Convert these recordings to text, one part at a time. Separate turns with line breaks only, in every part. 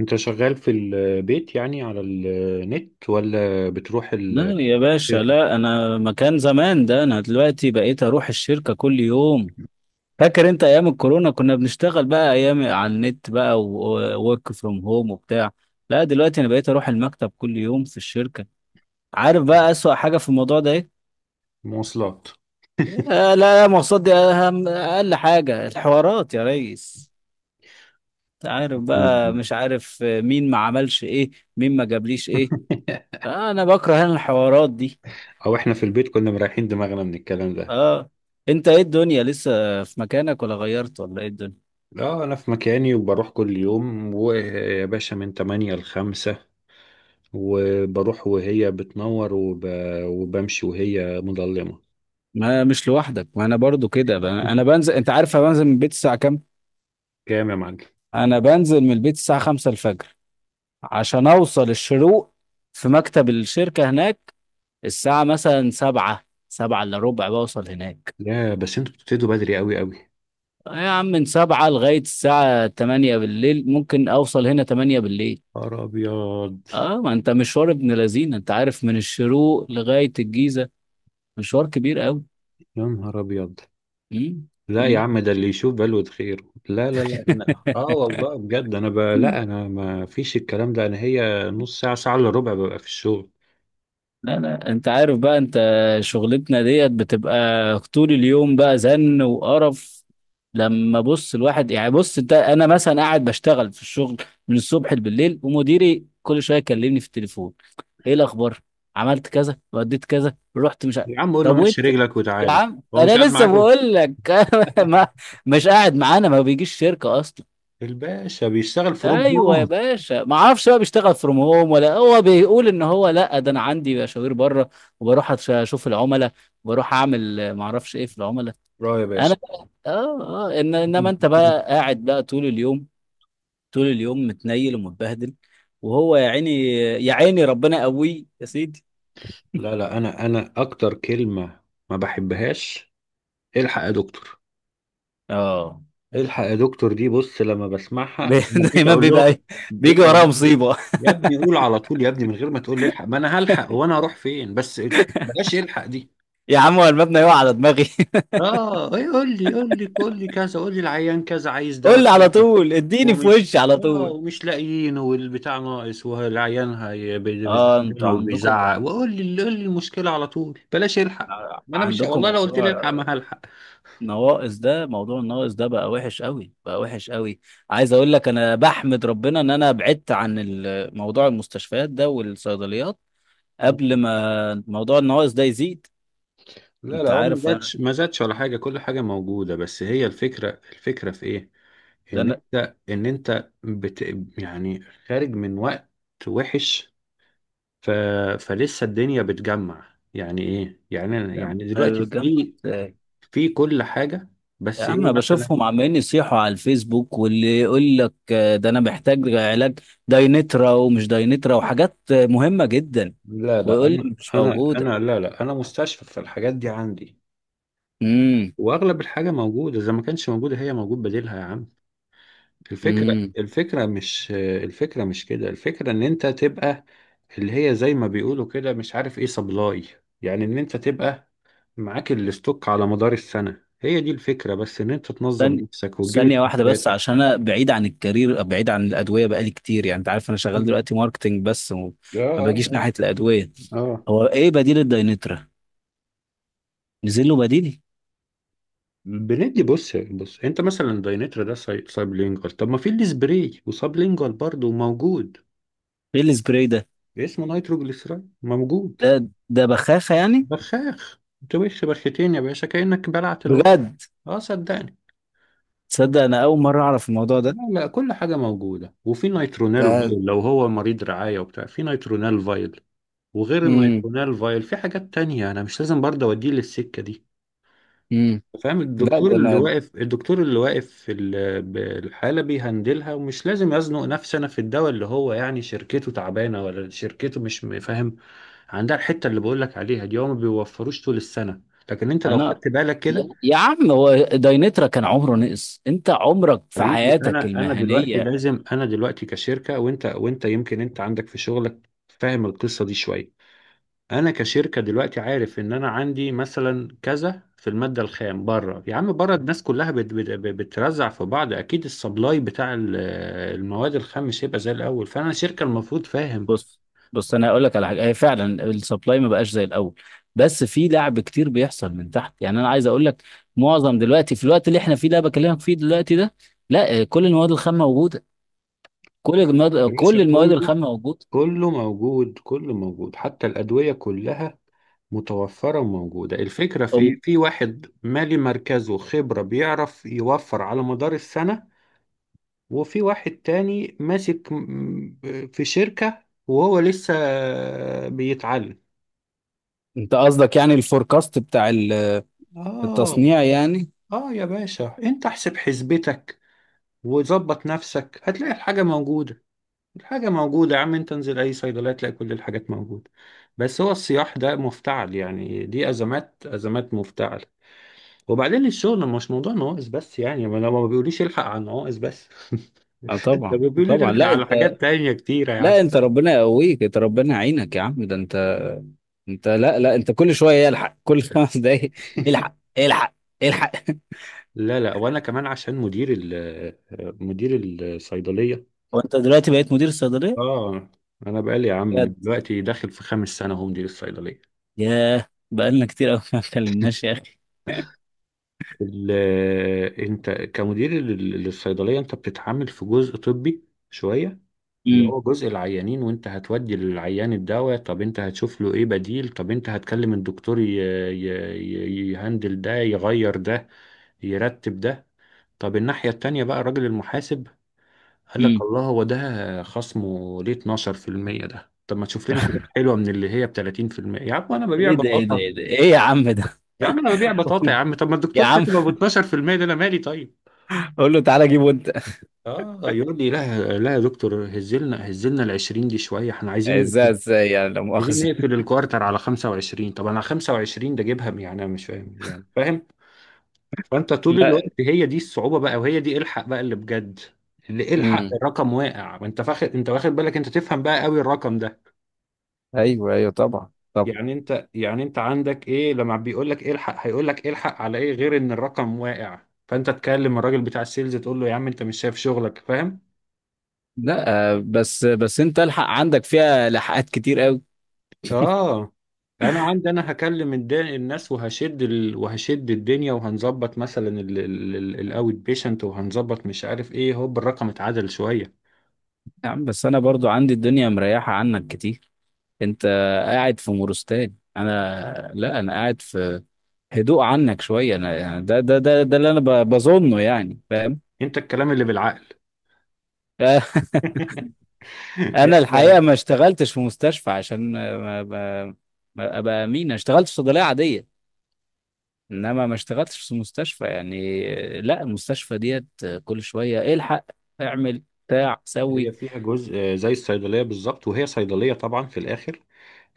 انت شغال في البيت يعني على النت ولا بتروح
لا
الشركة؟
يا باشا، لا، انا مكان زمان ده. انا دلوقتي بقيت اروح الشركة كل يوم. فاكر انت ايام الكورونا كنا بنشتغل بقى ايام على النت؟ بقى وورك فروم هوم وبتاع. لا دلوقتي انا بقيت اروح المكتب كل يوم في الشركة. عارف بقى اسوأ حاجة في الموضوع ده ايه؟
مواصلات.
آه، لا، المواصلات دي اهم اقل حاجة، الحوارات يا ريس. انت عارف بقى،
مم.
مش عارف مين ما عملش ايه، مين ما جابليش ايه. آه، انا بكره الحوارات دي.
او احنا في البيت كنا مريحين دماغنا من الكلام ده.
اه. انت ايه الدنيا لسه في مكانك، ولا غيرت، ولا ايه الدنيا؟
لا انا في مكاني وبروح كل يوم ويا باشا من 8 ل 5، وبروح وهي بتنور وبمشي وهي مظلمة.
ما مش لوحدك، ما انا برضو كده. انا بنزل، انت عارف انا بنزل من البيت الساعة كام؟
كام يا معلم؟
انا بنزل من البيت الساعة 5 الفجر، عشان اوصل الشروق في مكتب الشركة هناك الساعة مثلا 7، 7 الا ربع بوصل هناك.
يا بس انتوا بتبتدوا بدري قوي قوي.
يا عم من 7 لغاية الساعة 8 بالليل، ممكن اوصل هنا 8 بالليل.
نهار ابيض.
اه، ما انت مشوار ابن لذينه، انت عارف من الشروق لغاية الجيزة مشوار كبير
يا نهار ابيض.
قوي.
لا يا عم ده اللي يشوف بلوة خير. لا لا لا، أنا والله بجد لا انا ما فيش الكلام ده، انا هي نص ساعة، ساعة الا ربع ببقى في الشغل.
لا لا، انت عارف بقى انت، شغلتنا ديت بتبقى طول اليوم بقى زن وقرف. لما بص الواحد يعني، بص انت، انا مثلا قاعد بشتغل في الشغل من الصبح بالليل، ومديري كل شويه يكلمني في التليفون: ايه الاخبار؟ عملت كذا وديت كذا رحت مش ع-
يا عم قول له
طب
مشي
وانت؟
رجلك
يا
وتعالى.
عم
هو مش قاعد
انا لسه
معاكم.
بقول لك. ما، مش قاعد معانا، ما بيجيش شركه اصلا.
الباشا بيشتغل في روم
ايوه يا
هوم.
باشا، ما اعرفش بقى بيشتغل فروم هوم، ولا هو بيقول ان هو، لا ده انا عندي مشاوير بره، وبروح اشوف العملاء، وبروح اعمل ما اعرفش ايه في العملاء.
اه يا
انا
باشا.
بقى، اه اه إن انما انت بقى قاعد بقى طول اليوم، طول اليوم متنيل ومتبهدل، وهو يا عيني، يا عيني ربنا قوي يا سيدي.
لا لا، انا اكتر كلمة ما بحبهاش، الحق يا دكتور.
اه.
الحق يا دكتور دي بص لما بسمعها
بي-
أنا بقيت
دايما
اقول
بيبقى
لهم،
إيه؟ بيجي
بقيت اقول
وراه
لهم:
مصيبه.
يا ابني قول على طول، يا ابني من غير ما تقول لي الحق، ما انا هلحق وانا هروح فين بس؟ بلاش الحق دي.
يا عم هو المبنى يقع على دماغي.
اه إيه؟ قول لي، قول لي، قول لي كذا، قول لي العيان كذا عايز دواء
قول لي على
كذا
طول، اديني في
ومش
وشي على
اه،
طول.
ومش لاقيين والبتاع ناقص والعيان
اه
بيزعلين
انتوا عندكم
وبيزعق، وقول لي قول لي المشكله على طول، بلاش الحق. ما انا مش
عندكم
والله لو قلت لي الحق
موضوع
ما هلحق.
نواقص. ده موضوع النواقص ده بقى وحش قوي، بقى وحش قوي. عايز اقول لك، انا بحمد ربنا ان انا بعدت عن موضوع المستشفيات ده والصيدليات، قبل ما موضوع النواقص ده يزيد.
لا لا،
انت
هو ما
عارف انا،
زادش ما زادش ولا حاجة، كل حاجة موجودة، بس هي الفكرة، الفكرة في ايه؟
ده
ان
انا،
انت ان انت بت يعني خارج من وقت وحش ف... فلسه الدنيا بتجمع يعني ايه يعني
أنا
دلوقتي
بتجمع
في،
إزاي؟
في كل حاجة.
يا
بس
عم
ايه
أنا
مثلا؟
بشوفهم عمالين يصيحوا على الفيسبوك، واللي يقول لك ده انا محتاج علاج داينترا، ومش داينترا، وحاجات مهمة جدا،
لا لا،
ويقول لي
انا
مش
انا
موجودة.
انا لا لا انا مستشفى، فالحاجات دي عندي واغلب الحاجة موجودة، اذا ما كانش موجودة هي موجود بديلها يا عم. الفكرة،
امم.
الفكرة، مش الفكرة، مش كده الفكرة، ان انت تبقى اللي هي زي ما بيقولوا كده مش عارف ايه، سبلاي. يعني ان انت تبقى معاك الاستوك على مدار السنة، هي دي الفكرة، بس ان انت تنظم
ثانية
نفسك وتجيب
ثانية واحدة بس،
استوكاتك.
عشان أنا بعيد عن الكارير، بعيد عن الأدوية بقالي كتير. يعني أنت عارف أنا شغال
مم.
دلوقتي ماركتينج بس، وما
اه اه
باجيش ناحية الأدوية.
اه. آه.
هو إيه بديل الداينترا؟ نزل له بديل؟
بندي، بص بص انت مثلا داينترا ده سايبلينجوال، طب ما في السبراي وسابلينجوال برضه موجود.
إيه السبراي ده؟
اسمه نيتروجليسيرين موجود.
ده بخاخة يعني؟
بخاخ. تبخ بخيتين يا باشا كأنك بلعت القرص.
بجد؟
اه صدقني.
تصدق أنا أول مرة أعرف الموضوع ده.
لا لا، كل حاجة موجودة، وفي نيترونال
ده.
فايل لو هو مريض رعاية وبتاع في نيترونال فايل، وغير
امم.
النيترونال فايل في حاجات تانية. أنا مش لازم برضه أوديه للسكة دي.
امم.
فاهم؟
لا
الدكتور
ده
اللي
أنا.
واقف، الدكتور اللي واقف في بالحالة بيهندلها، ومش لازم يزنق نفسي أنا في الدواء اللي هو يعني شركته تعبانة ولا شركته مش م- فاهم عندها الحتة اللي بقولك عليها دي، هو ما بيوفروش طول السنة. لكن أنت لو
أنا
خدت بالك كده،
يا عم، هو داينترا كان عمره نقص؟ أنت عمرك في
حبيبي
حياتك
انا دلوقتي
المهنية.
لازم، انا دلوقتي كشركه، وانت يمكن انت عندك في شغلك فاهم القصه دي شويه. انا كشركه دلوقتي عارف ان انا عندي مثلا كذا في الماده الخام، بره يا عم، بره الناس كلها بت بت بترزع في بعض، اكيد السبلاي بتاع المواد الخام مش هيبقى زي الاول، فانا شركه المفروض فاهم.
بص بص، انا هقول لك على حاجه. هي فعلا السبلاي ما بقاش زي الاول، بس في لعب كتير بيحصل من تحت، يعني انا عايز اقول لك معظم دلوقتي في الوقت اللي احنا فيه ده، بكلمك فيه دلوقتي ده، لا كل المواد الخام موجوده. كل المواد
يا باشا
كل المواد الخام
كله،
موجوده.
كله موجود كله موجود، حتى الادويه كلها متوفرة وموجودة. الفكرة في إيه؟
أم-
في واحد مالي مركزه خبرة بيعرف يوفر على مدار السنة، وفي واحد تاني ماسك في شركة وهو لسه بيتعلم.
انت قصدك يعني الفوركاست بتاع
آه.
التصنيع يعني؟
آه يا باشا، أنت احسب حسبتك وظبط نفسك هتلاقي الحاجة موجودة. الحاجة موجودة يا عم، أنت انزل أي صيدلية تلاقي كل الحاجات موجودة. بس هو الصياح ده مفتعل، يعني دي أزمات، أزمات مفتعل. وبعدين الشغل مش موضوع نواقص بس، يعني ما لو ما بيقوليش الحق على النواقص بس
اه
ده
طبعا
بيقولي
طبعا.
الحق
لا
على
انت،
حاجات تانية كتيرة يا عم.
لا انت ربنا يقويك، انت ربنا يعينك يا عم، ده انت. لا لا، انت كل شويه يلحق كل 5 دقايق. الحق، الحق، الحق.
لا لا، وانا كمان عشان مدير ال، مدير الصيدلية.
هو انت دلوقتي بقيت مدير صيدليه؟
اه، انا بقالي يا عم
بجد؟
دلوقتي داخل في خامس سنة هو مدير الصيدلية.
ياه بقالنا كتير قوي، ما اتكلمناش يا اخي.
ال- انت كمدير للصيدلية، انت بتتعامل في جزء طبي شوية اللي هو
امم.
جزء العيانين، وانت هتودي للعيان الدواء، طب انت هتشوف له ايه بديل، طب انت هتكلم الدكتور ي... يهندل ده، يغير ده، يرتب ده. طب الناحية التانية بقى، الراجل المحاسب قال لك:
امم.
الله، هو ده خصمه ليه 12%؟ ده طب ما تشوف لنا حاجة حلوة من اللي هي ب 30%. يا عم انا ببيع
ايه ده، ايه ده،
بطاطا،
ايه ده، ايه يا عم ده؟
يا عم انا ببيع بطاطا، يا عم طب ما
يا
الدكتور
عم
كاتب ابو 12% ده، انا مالي؟ طيب.
قول له تعالى جيبه انت.
اه يقول لي: لا لا يا دكتور، هزلنا هزلنا، ال 20 دي شويه، احنا عايزين،
ازاي ازاي يعني، لا
عايزين
مؤاخذه؟
نقفل الكوارتر على 25. طب انا 25 ده جيبها يعني، انا مش فاهم يعني، فاهم؟ فانت طول
لا.
الوقت هي دي الصعوبة بقى، وهي دي الحق بقى اللي بجد، اللي الحق
امم.
الرقم واقع، وانت فاخد انت واخد بالك، انت تفهم بقى قوي الرقم ده.
ايوه ايوه طبعا طبعا.
يعني انت، يعني انت عندك ايه لما بيقول لك إيه الحق؟ هيقول لك إيه الحق على ايه غير ان الرقم واقع. فانت تكلم الراجل بتاع السيلز تقول له: يا عم انت مش شايف شغلك، فاهم؟
لا، بس بس، انت الحق عندك فيها لحقات كتير قوي.
اه، انا عندي، انا هكلم الناس وهشد وهشد الدنيا، وهنظبط مثلا الاوت بيشنت، وهنظبط مش عارف ايه، هوب الرقم اتعدل شويه.
يا عم بس انا برضو عندي الدنيا مريحه عنك كتير. انت قاعد في مورستان، انا لا، انا قاعد في هدوء عنك شوية. أنا يعني، ده ده ده ده اللي أنا بظنه يعني، فاهم؟
انت الكلام اللي بالعقل.
أنا
احنا،
الحقيقة ما اشتغلتش في مستشفى، عشان ما أبقى أمين، أنا اشتغلت في صيدلية عادية، إنما ما اشتغلتش في مستشفى يعني. لا المستشفى ديت كل شوية الحق، اعمل بتاع
هي
سوي.
فيها جزء آه، زي الصيدليه بالظبط، وهي صيدليه طبعا في الاخر،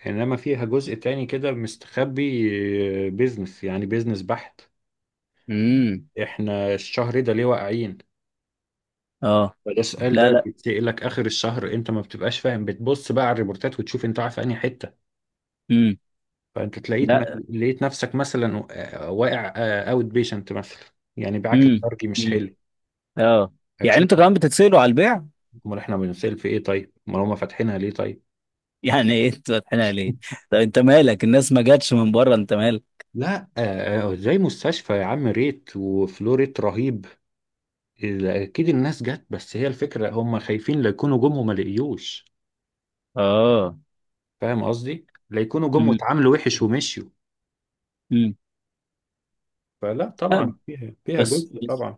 انما فيها جزء تاني كده مستخبي، بيزنس يعني، بيزنس بحت.
امم.
احنا الشهر ده ليه واقعين؟
اه.
فده السؤال
لا
ده
لا.
بيتسألك اخر الشهر. انت ما بتبقاش فاهم، بتبص بقى على الريبورتات وتشوف انت واقع في انهي حته.
امم.
فانت تلاقيت،
لا.
لقيت نفسك مثلا آه، واقع اوت بيشنت مثلا، يعني باعك
امم.
الخارجي مش
امم.
حلو.
اه. يعني
هتشوف.
انتوا كمان بتتسألوا على البيع؟
امال احنا بنسال في ايه طيب؟ امال هم فاتحينها ليه طيب؟
يعني ايه انتوا فاتحينها ليه؟ طب انت مالك، الناس ما جاتش من بره، انت مالك.
لا آه، آه، آه، زي مستشفى يا عم، ريت وفلو ريت رهيب، اكيد الناس جت، بس هي الفكره هم خايفين لا يكونوا جم وما لقيوش،
اه.
فاهم قصدي، لا يكونوا جم واتعاملوا وحش ومشيوا.
امم.
فلا
لا،
طبعا فيها
بس
جزء
بس
طبعا.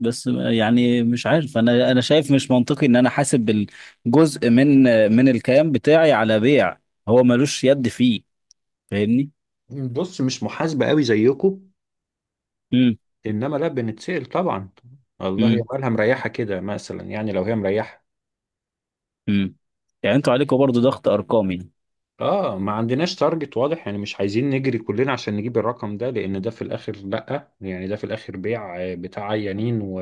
بس، يعني مش عارف، انا شايف مش منطقي ان انا حاسب الجزء من الكيان بتاعي على بيع هو ملوش يد فيه. فاهمني؟
بص مش محاسبه قوي زيكم،
امم.
انما لا بنتسأل طبعا. الله
امم.
يبقى مريحه كده مثلا، يعني لو هي مريحه.
امم. يعني انتوا عليكم برضو ضغط ارقامي؟
اه، ما عندناش تارجت واضح يعني، مش عايزين نجري كلنا عشان نجيب الرقم ده، لان ده في الاخر لا يعني، ده في الاخر بيع آه، بتاع عيانين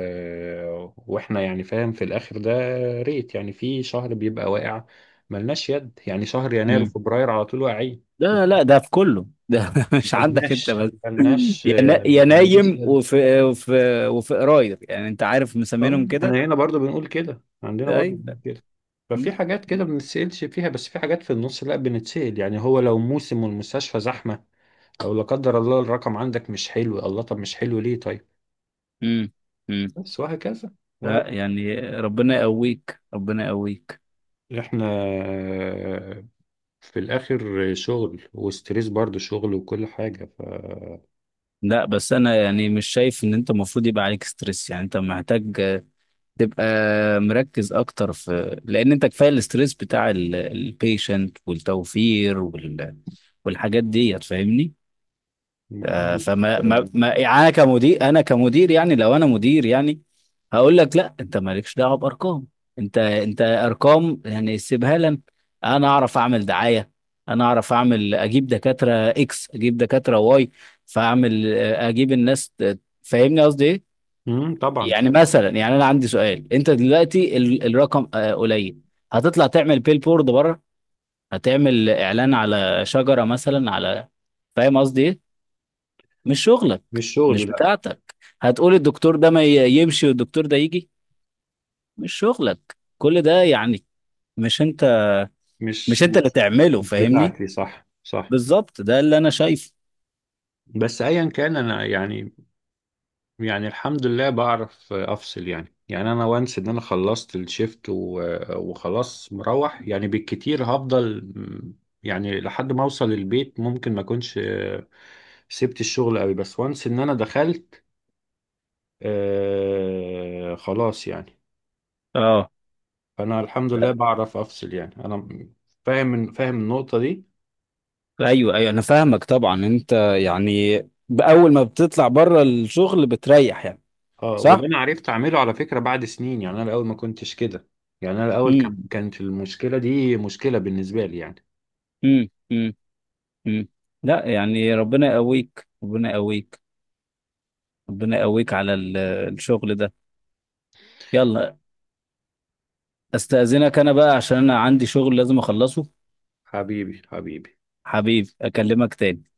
واحنا يعني فاهم في الاخر ده. ريت يعني، في شهر بيبقى واقع ملناش يد، يعني شهر يناير
امم.
وفبراير على طول واقعين،
لا لا، ده في كله ده، مش عندك انت
ملناش
بس.
ملناش آه،
يا
ملناش
نايم،
يد.
وفي قراير يعني، انت عارف
اه،
مسمينهم كده.
احنا هنا برضو بنقول كده، عندنا
ده
برضو
اي.
بنقول كده. ففي
امم.
حاجات كده ما بنتسألش فيها، بس في حاجات في النص لا بنتسأل، يعني هو لو موسم والمستشفى زحمة، او لا قدر الله الرقم عندك مش حلو. الله طب مش حلو ليه طيب؟
امم. امم.
بس وهكذا،
لا
وهكذا.
يعني ربنا يقويك، ربنا يقويك.
احنا آه، في الاخر شغل وستريس، برضو شغل وكل حاجة ف،
لا بس انا يعني مش شايف ان انت المفروض يبقى عليك ستريس، يعني انت محتاج تبقى مركز اكتر، في لان انت كفايه الاستريس بتاع البيشنت والتوفير والحاجات دي، فاهمني؟
محدش-
فما ما ما يعني كمدير، انا كمدير يعني، لو انا مدير يعني، هقول لك لا انت مالكش دعوه بارقام، انت ارقام يعني سيبها لنا. انا اعرف اعمل دعايه، انا اعرف اعمل، اجيب دكاتره اكس، اجيب دكاتره واي، فاعمل اجيب الناس فاهمني قصدي ايه؟
طبعا.
يعني مثلا، يعني انا عندي سؤال، انت دلوقتي الرقم قليل، هتطلع تعمل بيل بورد بره؟ هتعمل اعلان على شجره مثلا، على؟ فاهم قصدي ايه؟ مش شغلك،
مش شغلي،
مش
لا،
بتاعتك. هتقول الدكتور ده ما يمشي والدكتور ده يجي؟ مش شغلك كل ده يعني. مش انت مش
مش
انت اللي تعمله،
مش
فاهمني؟
بتاعتي، صح صح.
بالظبط ده اللي انا شايفه.
بس ايا كان انا يعني، يعني الحمد لله بعرف افصل، يعني انا وانس ان انا خلصت الشيفت وخلاص مروح، يعني بالكتير هفضل يعني لحد ما اوصل البيت ممكن ما اكونش آه، سبت الشغل قوي، بس وانس ان انا دخلت آه خلاص يعني.
اه،
فانا الحمد لله بعرف افصل يعني، انا فاهم فاهم النقطة دي.
ايوه ايوه انا فاهمك طبعا انت، يعني باول ما بتطلع بره الشغل بتريح يعني.
اه، وده
صح.
انا عرفت اعمله على فكرة بعد سنين، يعني انا الاول ما كنتش كده، يعني انا الاول
امم.
كانت المشكلة دي مشكلة بالنسبة لي يعني.
امم. امم. امم. لا يعني ربنا يقويك، ربنا يقويك، ربنا يقويك على الشغل ده. يلا، استأذنك انا بقى عشان انا عندي شغل لازم اخلصه.
حبيبي حبيبي.
حبيبي، اكلمك تاني.